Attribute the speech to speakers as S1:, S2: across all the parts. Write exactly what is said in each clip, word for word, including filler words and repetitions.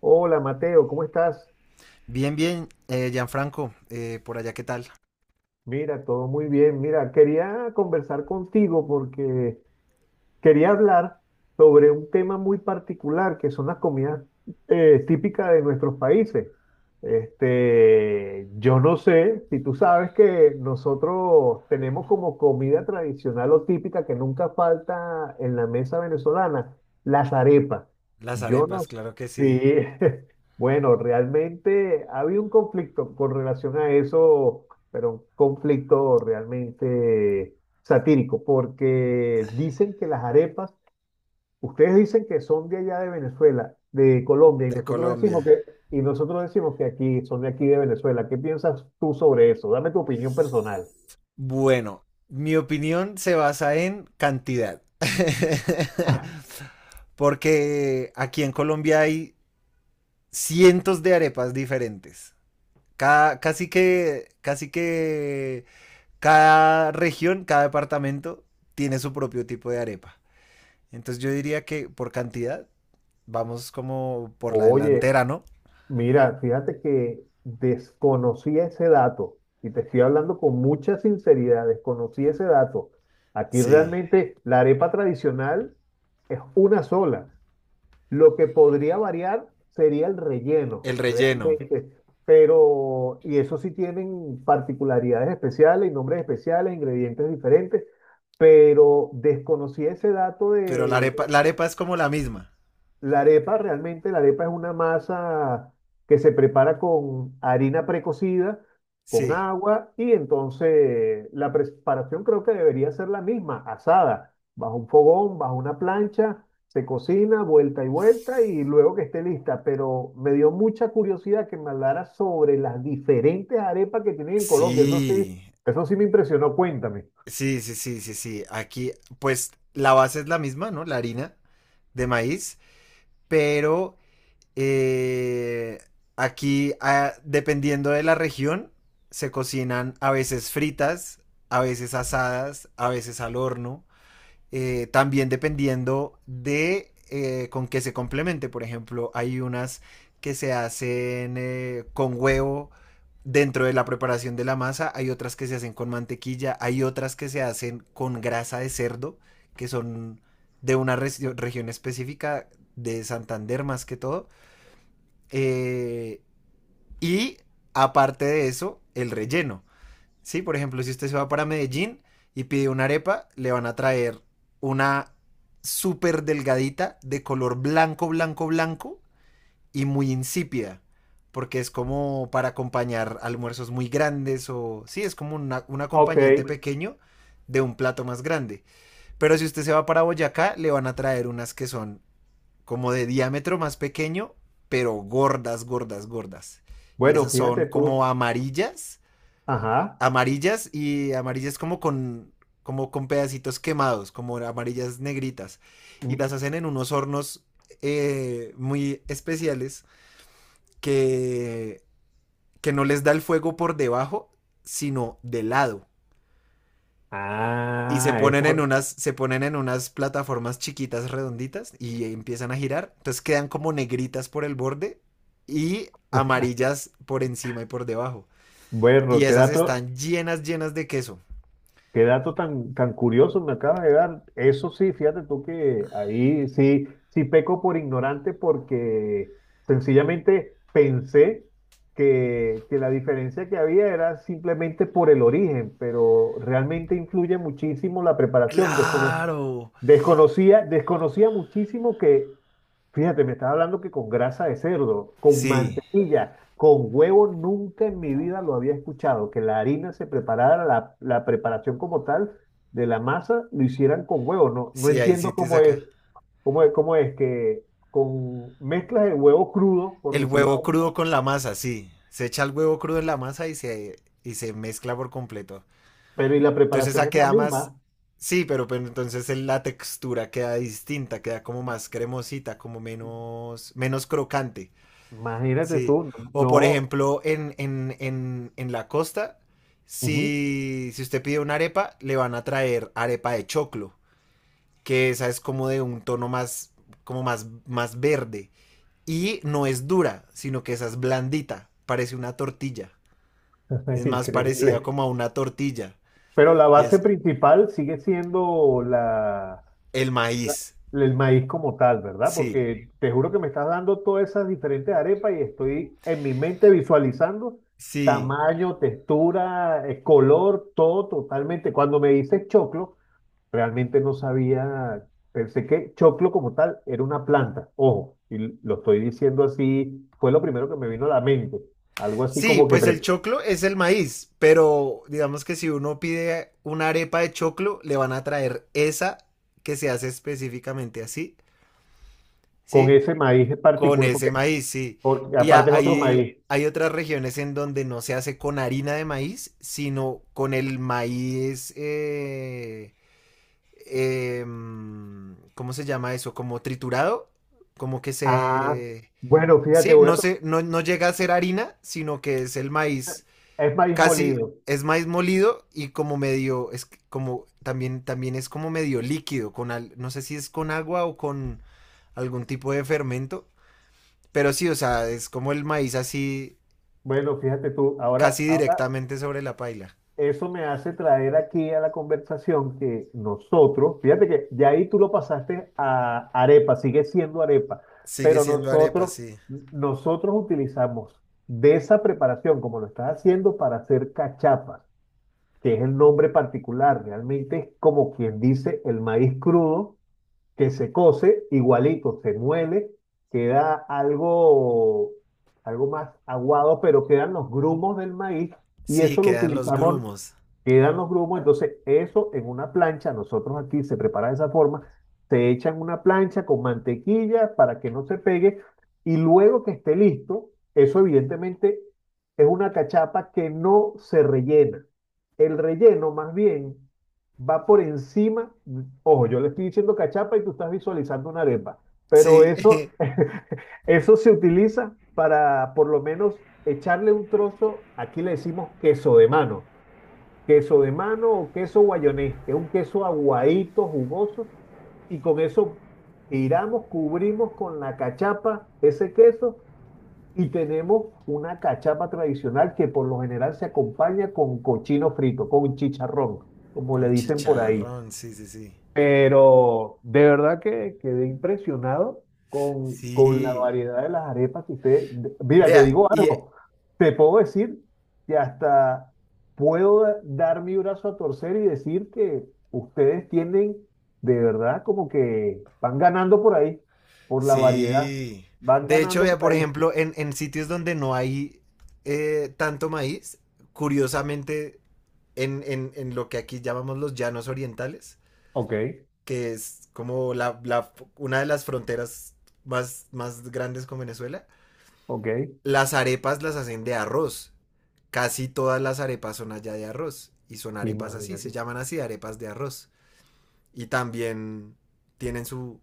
S1: Hola Mateo, ¿cómo estás?
S2: Bien, bien, eh, Gianfranco, eh, por allá, ¿qué tal?
S1: Mira, todo muy bien. Mira, quería conversar contigo porque Quería hablar sobre un tema muy particular que son las comidas eh, típicas de nuestros países. Este, yo no sé si tú sabes que nosotros tenemos como comida tradicional o típica que nunca falta en la mesa venezolana, las arepas.
S2: Las
S1: Yo no
S2: arepas,
S1: sé.
S2: claro que
S1: Sí,
S2: sí.
S1: bueno, realmente había un conflicto con relación a eso, pero un conflicto realmente satírico, porque dicen que las arepas, ustedes dicen que son de allá de Venezuela, de Colombia, y
S2: De
S1: nosotros decimos
S2: Colombia.
S1: que, y nosotros decimos que aquí son de aquí de Venezuela. ¿Qué piensas tú sobre eso? Dame tu opinión personal.
S2: Bueno, mi opinión se basa en cantidad. Porque aquí en Colombia hay cientos de arepas diferentes. Cada- casi que, casi que cada región, cada departamento tiene su propio tipo de arepa. Entonces yo diría que por cantidad vamos como por la
S1: Oye,
S2: delantera, ¿no?
S1: mira, fíjate que desconocía ese dato, y te estoy hablando con mucha sinceridad, desconocí ese dato. Aquí
S2: Sí.
S1: realmente la arepa tradicional es una sola. Lo que podría variar sería el relleno,
S2: El relleno.
S1: realmente. Pero, y eso sí tienen particularidades especiales y nombres especiales, ingredientes diferentes, pero desconocí ese dato
S2: Pero la
S1: de.
S2: arepa, la arepa es como la misma.
S1: La arepa, realmente la arepa es una masa que se prepara con harina precocida, con
S2: Sí.
S1: agua y entonces la preparación creo que debería ser la misma, asada, bajo un fogón, bajo una plancha, se cocina vuelta y vuelta y luego que esté lista. Pero me dio mucha curiosidad que me hablara sobre las diferentes arepas que tienen en Colombia. Eso sí,
S2: Sí.
S1: eso sí me impresionó. Cuéntame.
S2: Sí, sí, sí, sí, sí. Aquí, pues la base es la misma, ¿no? La harina de maíz. Pero eh, aquí, ah, dependiendo de la región, se cocinan a veces fritas, a veces asadas, a veces al horno. eh, también dependiendo de eh, con qué se complemente. Por ejemplo, hay unas que se hacen eh, con huevo dentro de la preparación de la masa, hay otras que se hacen con mantequilla, hay otras que se hacen con grasa de cerdo, que son de una re región específica de Santander más que todo. Eh, y aparte de eso, el relleno. Sí, por ejemplo, si usted se va para Medellín y pide una arepa, le van a traer una súper delgadita de color blanco, blanco, blanco y muy insípida. Porque es como para acompañar almuerzos muy grandes o... Sí, es como una- un
S1: Ok,
S2: acompañante pequeño de un plato más grande. Pero si usted se va para Boyacá, le van a traer unas que son como de diámetro más pequeño, pero gordas, gordas, gordas. Y
S1: bueno,
S2: esas son
S1: fíjate tú.
S2: como amarillas
S1: Ajá.
S2: amarillas y amarillas como con, como con pedacitos quemados, como amarillas negritas. Y
S1: Mm.
S2: las hacen en unos hornos eh, muy especiales que, que no les da el fuego por debajo, sino de lado. Y se
S1: Ah,
S2: ponen en
S1: eso.
S2: unas, se ponen en unas plataformas chiquitas redonditas y empiezan a girar. Entonces quedan como negritas por el borde y amarillas por encima y por debajo.
S1: Bueno,
S2: Y
S1: qué
S2: esas
S1: dato,
S2: están llenas, llenas de queso.
S1: qué dato tan, tan curioso me acaba de dar. Eso sí, fíjate tú que ahí sí, sí peco por ignorante porque sencillamente pensé que, que la diferencia que había era simplemente por el origen, pero realmente influye muchísimo la preparación. Descono-
S2: Claro.
S1: desconocía, desconocía muchísimo que, fíjate, me estaba hablando que con grasa de cerdo, con
S2: Sí,
S1: mantequilla. Con huevo nunca en mi vida lo había escuchado, que la harina se preparara, la, la preparación como tal de la masa, lo hicieran con huevo. No, no
S2: sí, hay
S1: entiendo
S2: sitios
S1: cómo
S2: acá.
S1: es, cómo es, cómo es que con mezclas de huevo crudo, por
S2: El
S1: decirlo,
S2: huevo crudo con la masa, sí. Se echa el huevo crudo en la masa y se, y se mezcla por completo.
S1: pero y la
S2: Entonces
S1: preparación
S2: esa
S1: es la
S2: queda más...
S1: misma.
S2: Sí, pero, pero entonces el- la textura queda distinta, queda como más cremosita, como menos, menos crocante.
S1: Imagínate
S2: Sí.
S1: tú,
S2: O por
S1: no.
S2: ejemplo, en, en, en, en la costa,
S1: Ujú.
S2: si, si usted pide una arepa, le van a traer arepa de choclo, que esa es como de un tono más, como más, más verde. Y no es dura, sino que esa es blandita, parece una tortilla. Es más parecida
S1: Increíble.
S2: como a una tortilla.
S1: Pero la
S2: Y
S1: base
S2: es
S1: principal sigue siendo la,
S2: el maíz.
S1: el maíz como tal, ¿verdad?
S2: Sí,
S1: Porque te juro que me estás dando todas esas diferentes arepas y estoy en mi mente visualizando
S2: sí.
S1: tamaño, textura, eh, color, todo totalmente. Cuando me dices choclo, realmente no sabía, pensé que choclo como tal era una planta, ojo, y lo estoy diciendo así, fue lo primero que me vino a la mente, algo así
S2: Sí,
S1: como que
S2: pues el
S1: pre-
S2: choclo es el maíz, pero digamos que si uno pide una arepa de choclo, le van a traer esa que se hace específicamente así,
S1: con
S2: ¿sí?
S1: ese maíz en
S2: Con
S1: particular, porque,
S2: ese maíz, sí.
S1: porque
S2: Y a-
S1: aparte es otro
S2: hay,
S1: maíz.
S2: hay otras regiones en donde no se hace con harina de maíz, sino con el maíz eh, eh, ¿cómo se llama eso? Como triturado, como que
S1: Ah,
S2: se...
S1: bueno, fíjate,
S2: Sí,
S1: voy a
S2: no,
S1: to-
S2: se, no, no llega a ser harina, sino que es el maíz
S1: es maíz
S2: casi,
S1: molido.
S2: es maíz molido y como medio, es como también también es como medio líquido con al, no sé si es con agua o con algún tipo de fermento, pero sí, o sea, es como el maíz así
S1: Bueno, fíjate tú, ahora,
S2: casi
S1: ahora
S2: directamente sobre la paila.
S1: eso me hace traer aquí a la conversación que nosotros, fíjate que ya ahí tú lo pasaste a arepa, sigue siendo arepa,
S2: Sigue
S1: pero
S2: siendo arepa,
S1: nosotros,
S2: sí.
S1: nosotros utilizamos de esa preparación, como lo estás haciendo, para hacer cachapas, que es el nombre particular, realmente es como quien dice el maíz crudo que se cose, igualito, se muele, queda algo, algo más aguado, pero quedan los grumos del maíz y
S2: Sí,
S1: eso lo
S2: quedan los
S1: utilizamos,
S2: grumos.
S1: quedan los grumos, entonces eso en una plancha, nosotros aquí se prepara de esa forma, se echa en una plancha con mantequilla para que no se pegue y luego que esté listo, eso evidentemente es una cachapa que no se rellena. El relleno más bien va por encima, ojo, yo le estoy diciendo cachapa y tú estás visualizando una arepa, pero
S2: Sí.
S1: eso, eso se utiliza para por lo menos echarle un trozo, aquí le decimos queso de mano, queso de mano o queso guayonés, que es un queso aguadito, jugoso, y con eso giramos, cubrimos con la cachapa ese queso. Y tenemos una cachapa tradicional que por lo general se acompaña con cochino frito, con chicharrón, como le
S2: Con
S1: dicen por ahí.
S2: chicharrón, sí, sí, sí.
S1: Pero de verdad que quedé impresionado con, con la
S2: Sí.
S1: variedad de las arepas que usted... de- Mira, te
S2: Vea,
S1: digo
S2: y eh,
S1: algo, te puedo decir que hasta puedo da- dar mi brazo a torcer y decir que ustedes tienen de verdad como que van ganando por ahí, por la variedad,
S2: sí.
S1: van
S2: De hecho,
S1: ganando
S2: vea,
S1: por
S2: por
S1: ahí.
S2: ejemplo, en, en sitios donde no hay eh, tanto maíz, curiosamente, en, en- en lo que aquí llamamos los llanos orientales,
S1: Ok,
S2: que es como la, la- una de las fronteras más, más grandes con Venezuela,
S1: ok,
S2: las arepas las hacen de arroz. Casi todas las arepas son allá de arroz. Y son arepas así, se
S1: imagínate.
S2: llaman así arepas de arroz. y también tienen su,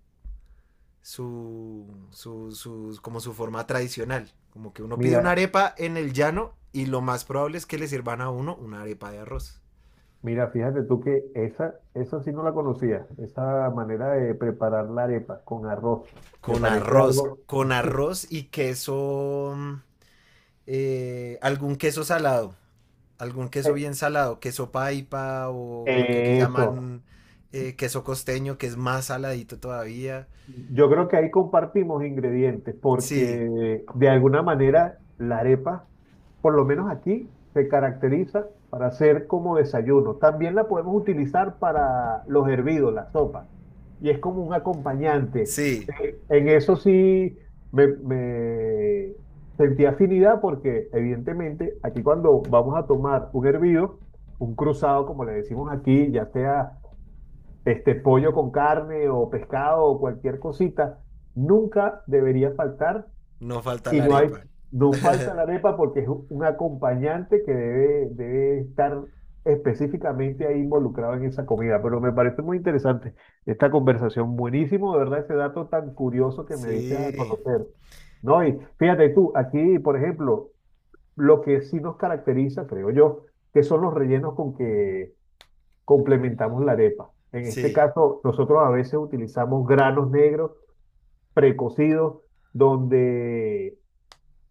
S2: su, su, su, como su forma tradicional. Como que uno pide una
S1: Mira,
S2: arepa en el llano y lo más probable es que le sirvan a uno una arepa de arroz.
S1: Mira, fíjate tú que esa, esa sí no la conocía, esa manera de preparar la arepa con arroz. Me
S2: Con
S1: parece
S2: arroz,
S1: algo...
S2: con arroz y queso, eh, algún queso salado, algún queso bien salado, queso paipa o lo que aquí
S1: eh, eso.
S2: llaman eh, queso costeño, que es más saladito todavía.
S1: Yo creo que ahí compartimos ingredientes porque
S2: Sí,
S1: de alguna manera la arepa, por lo menos aquí, se caracteriza para ser como desayuno. También la podemos utilizar para los hervidos, la sopa, y es como un acompañante.
S2: sí,
S1: Eh, En eso sí me, me sentí afinidad porque evidentemente aquí cuando vamos a tomar un hervido, un cruzado, como le decimos aquí, ya sea este pollo con carne o pescado o cualquier cosita, nunca debería faltar
S2: no falta
S1: y
S2: la
S1: no hay,
S2: arepa.
S1: no falta la arepa porque es un un acompañante que debe, debe estar específicamente ahí involucrado en esa comida. Pero me parece muy interesante esta conversación, buenísimo, de verdad, ese dato tan curioso que me diste a
S2: Sí,
S1: conocer. No, y fíjate tú, aquí, por ejemplo, lo que sí nos caracteriza, creo yo, que son los rellenos con que complementamos la arepa. En este
S2: sí,
S1: caso, nosotros a veces utilizamos granos negros precocidos, donde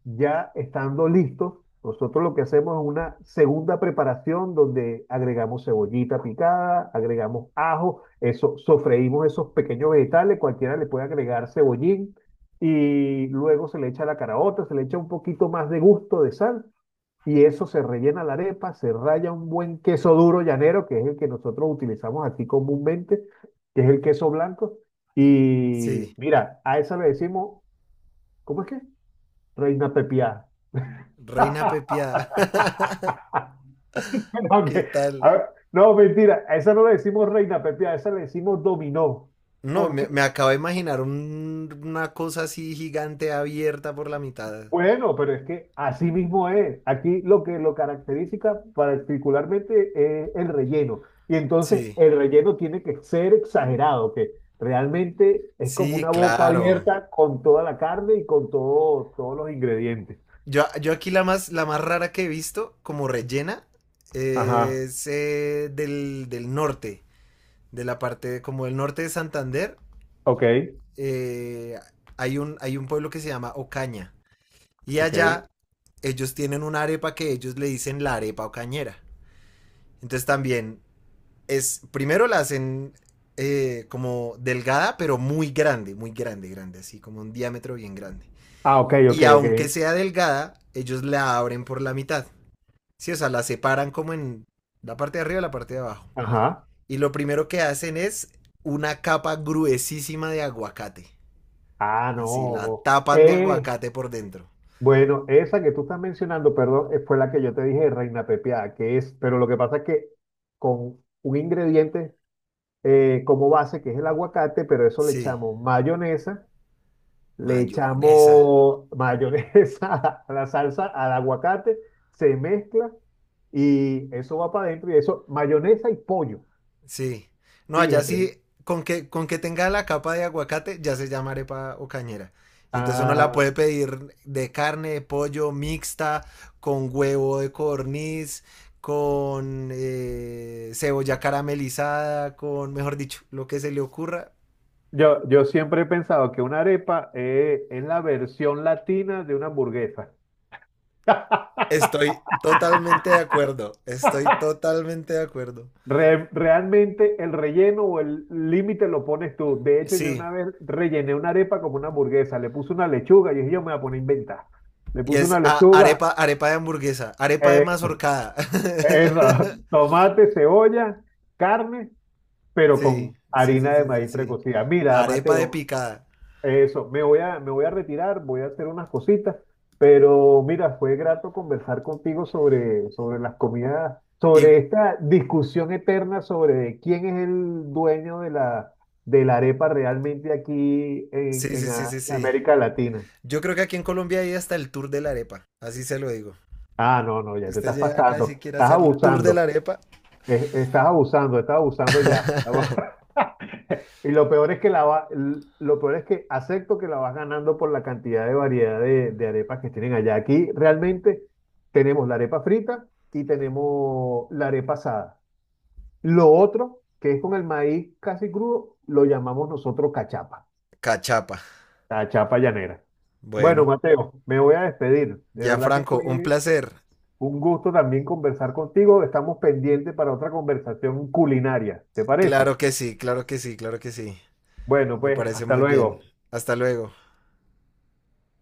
S1: ya estando listos, nosotros lo que hacemos es una segunda preparación donde agregamos cebollita picada, agregamos ajo, eso, sofreímos esos pequeños vegetales, cualquiera le puede agregar cebollín y luego se le echa la caraota, se le echa un poquito más de gusto de sal y eso se rellena la arepa, se raya un buen queso duro llanero, que es el que nosotros utilizamos aquí comúnmente, que es el queso blanco.
S2: sí.
S1: Y mira, a esa le decimos, ¿cómo es que? Reina Pepiada.
S2: Reina Pepiada.
S1: No,
S2: ¿Qué
S1: que- a
S2: tal?
S1: ver, no, mentira, a esa no le decimos reina pepiada, a esa le decimos dominó.
S2: No,
S1: ¿Por
S2: me,
S1: qué?
S2: me acabo de imaginar un- una cosa así gigante abierta por la mitad.
S1: Bueno, pero es que así mismo es. Aquí lo que lo caracteriza particularmente es el relleno. Y entonces
S2: Sí,
S1: el relleno tiene que ser exagerado, que realmente es como
S2: sí,
S1: una boca
S2: claro.
S1: abierta con toda la carne y con todo, todos los ingredientes.
S2: Yo, yo aquí la más, la más rara que he visto, como rellena,
S1: Ajá,
S2: es eh, del, del norte, de la parte de- como del norte de Santander.
S1: ok,
S2: eh, hay un, hay un pueblo que se llama Ocaña. Y
S1: ok.
S2: allá ellos tienen una arepa que ellos le dicen la arepa ocañera. Entonces también es, primero la hacen eh, como delgada, pero muy grande, muy grande, grande, así como un diámetro bien grande.
S1: Ah, ok, ok,
S2: Y aunque
S1: ok.
S2: sea delgada, ellos la abren por la mitad. Sí, o sea, la separan como en la parte de arriba y la parte de abajo.
S1: Ajá.
S2: Y lo primero que hacen es una capa gruesísima de aguacate.
S1: Ah,
S2: Así, la
S1: no.
S2: tapan de
S1: Eh,
S2: aguacate por dentro.
S1: bueno, esa que tú estás mencionando, perdón, eh, fue la que yo te dije, reina pepiada, que es, pero lo que pasa es que con un ingrediente eh, como base, que es el aguacate, pero eso le
S2: Sí,
S1: echamos mayonesa, le
S2: mayonesa.
S1: echamos mayonesa a la salsa, al aguacate, se mezcla y eso va para adentro y eso, mayonesa y pollo,
S2: Sí. No, allá
S1: fíjate.
S2: sí, con que, con que tenga la capa de aguacate, ya se llama arepa o cañera. Y entonces uno la
S1: Ah,
S2: puede pedir de carne, de pollo, mixta, con huevo de codorniz, con eh, cebolla caramelizada, con, mejor dicho, lo que se le ocurra.
S1: yo, yo siempre he pensado que una arepa eh, es la versión latina de una hamburguesa.
S2: Estoy totalmente de acuerdo, estoy totalmente de acuerdo.
S1: Re- realmente el relleno o el límite lo pones tú. De hecho, yo
S2: Sí,
S1: una vez rellené una arepa como una hamburguesa, le puse una lechuga y dije, yo me voy a poner a inventar. Le
S2: y
S1: puse una
S2: es a-
S1: lechuga,
S2: arepa, arepa de hamburguesa, arepa de
S1: eh,
S2: mazorcada.
S1: esa, tomate, cebolla, carne, pero
S2: Sí,
S1: con
S2: sí, sí,
S1: harina de
S2: sí, sí,
S1: maíz
S2: sí.
S1: precocida. Mira,
S2: Arepa de
S1: Mateo,
S2: picada.
S1: eso, me voy a, me voy a retirar, voy a hacer unas cositas, pero mira, fue grato conversar contigo sobre, sobre las comidas,
S2: Y
S1: sobre esta discusión eterna sobre quién es el dueño de la, de la arepa realmente aquí en,
S2: sí,
S1: en
S2: sí, sí,
S1: a-
S2: sí, sí.
S1: América Latina.
S2: Yo creo que aquí en Colombia hay hasta el tour de la arepa. Así se lo digo.
S1: Ah, no, no, ya te
S2: Usted
S1: estás
S2: llega acá y si
S1: pasando,
S2: quiere
S1: estás
S2: hacer el tour de la
S1: abusando.
S2: arepa.
S1: Eh, Estás abusando, estás abusando ya. Y lo peor es que la va- lo peor es que acepto que la vas ganando por la cantidad de variedad de, de arepas que tienen allá. Aquí realmente tenemos la arepa frita y tenemos la arepa asada. Lo otro, que es con el maíz casi crudo, lo llamamos nosotros cachapa,
S2: Cachapa.
S1: la chapa llanera. Bueno,
S2: Bueno,
S1: Mateo, me voy a despedir. De verdad que
S2: Franco,
S1: fue
S2: un placer.
S1: un gusto también conversar contigo. Estamos pendientes para otra conversación culinaria. ¿Te parece?
S2: Claro que sí, claro que sí, claro que sí.
S1: Bueno,
S2: Me
S1: pues
S2: parece
S1: hasta
S2: muy bien.
S1: luego.
S2: Hasta luego.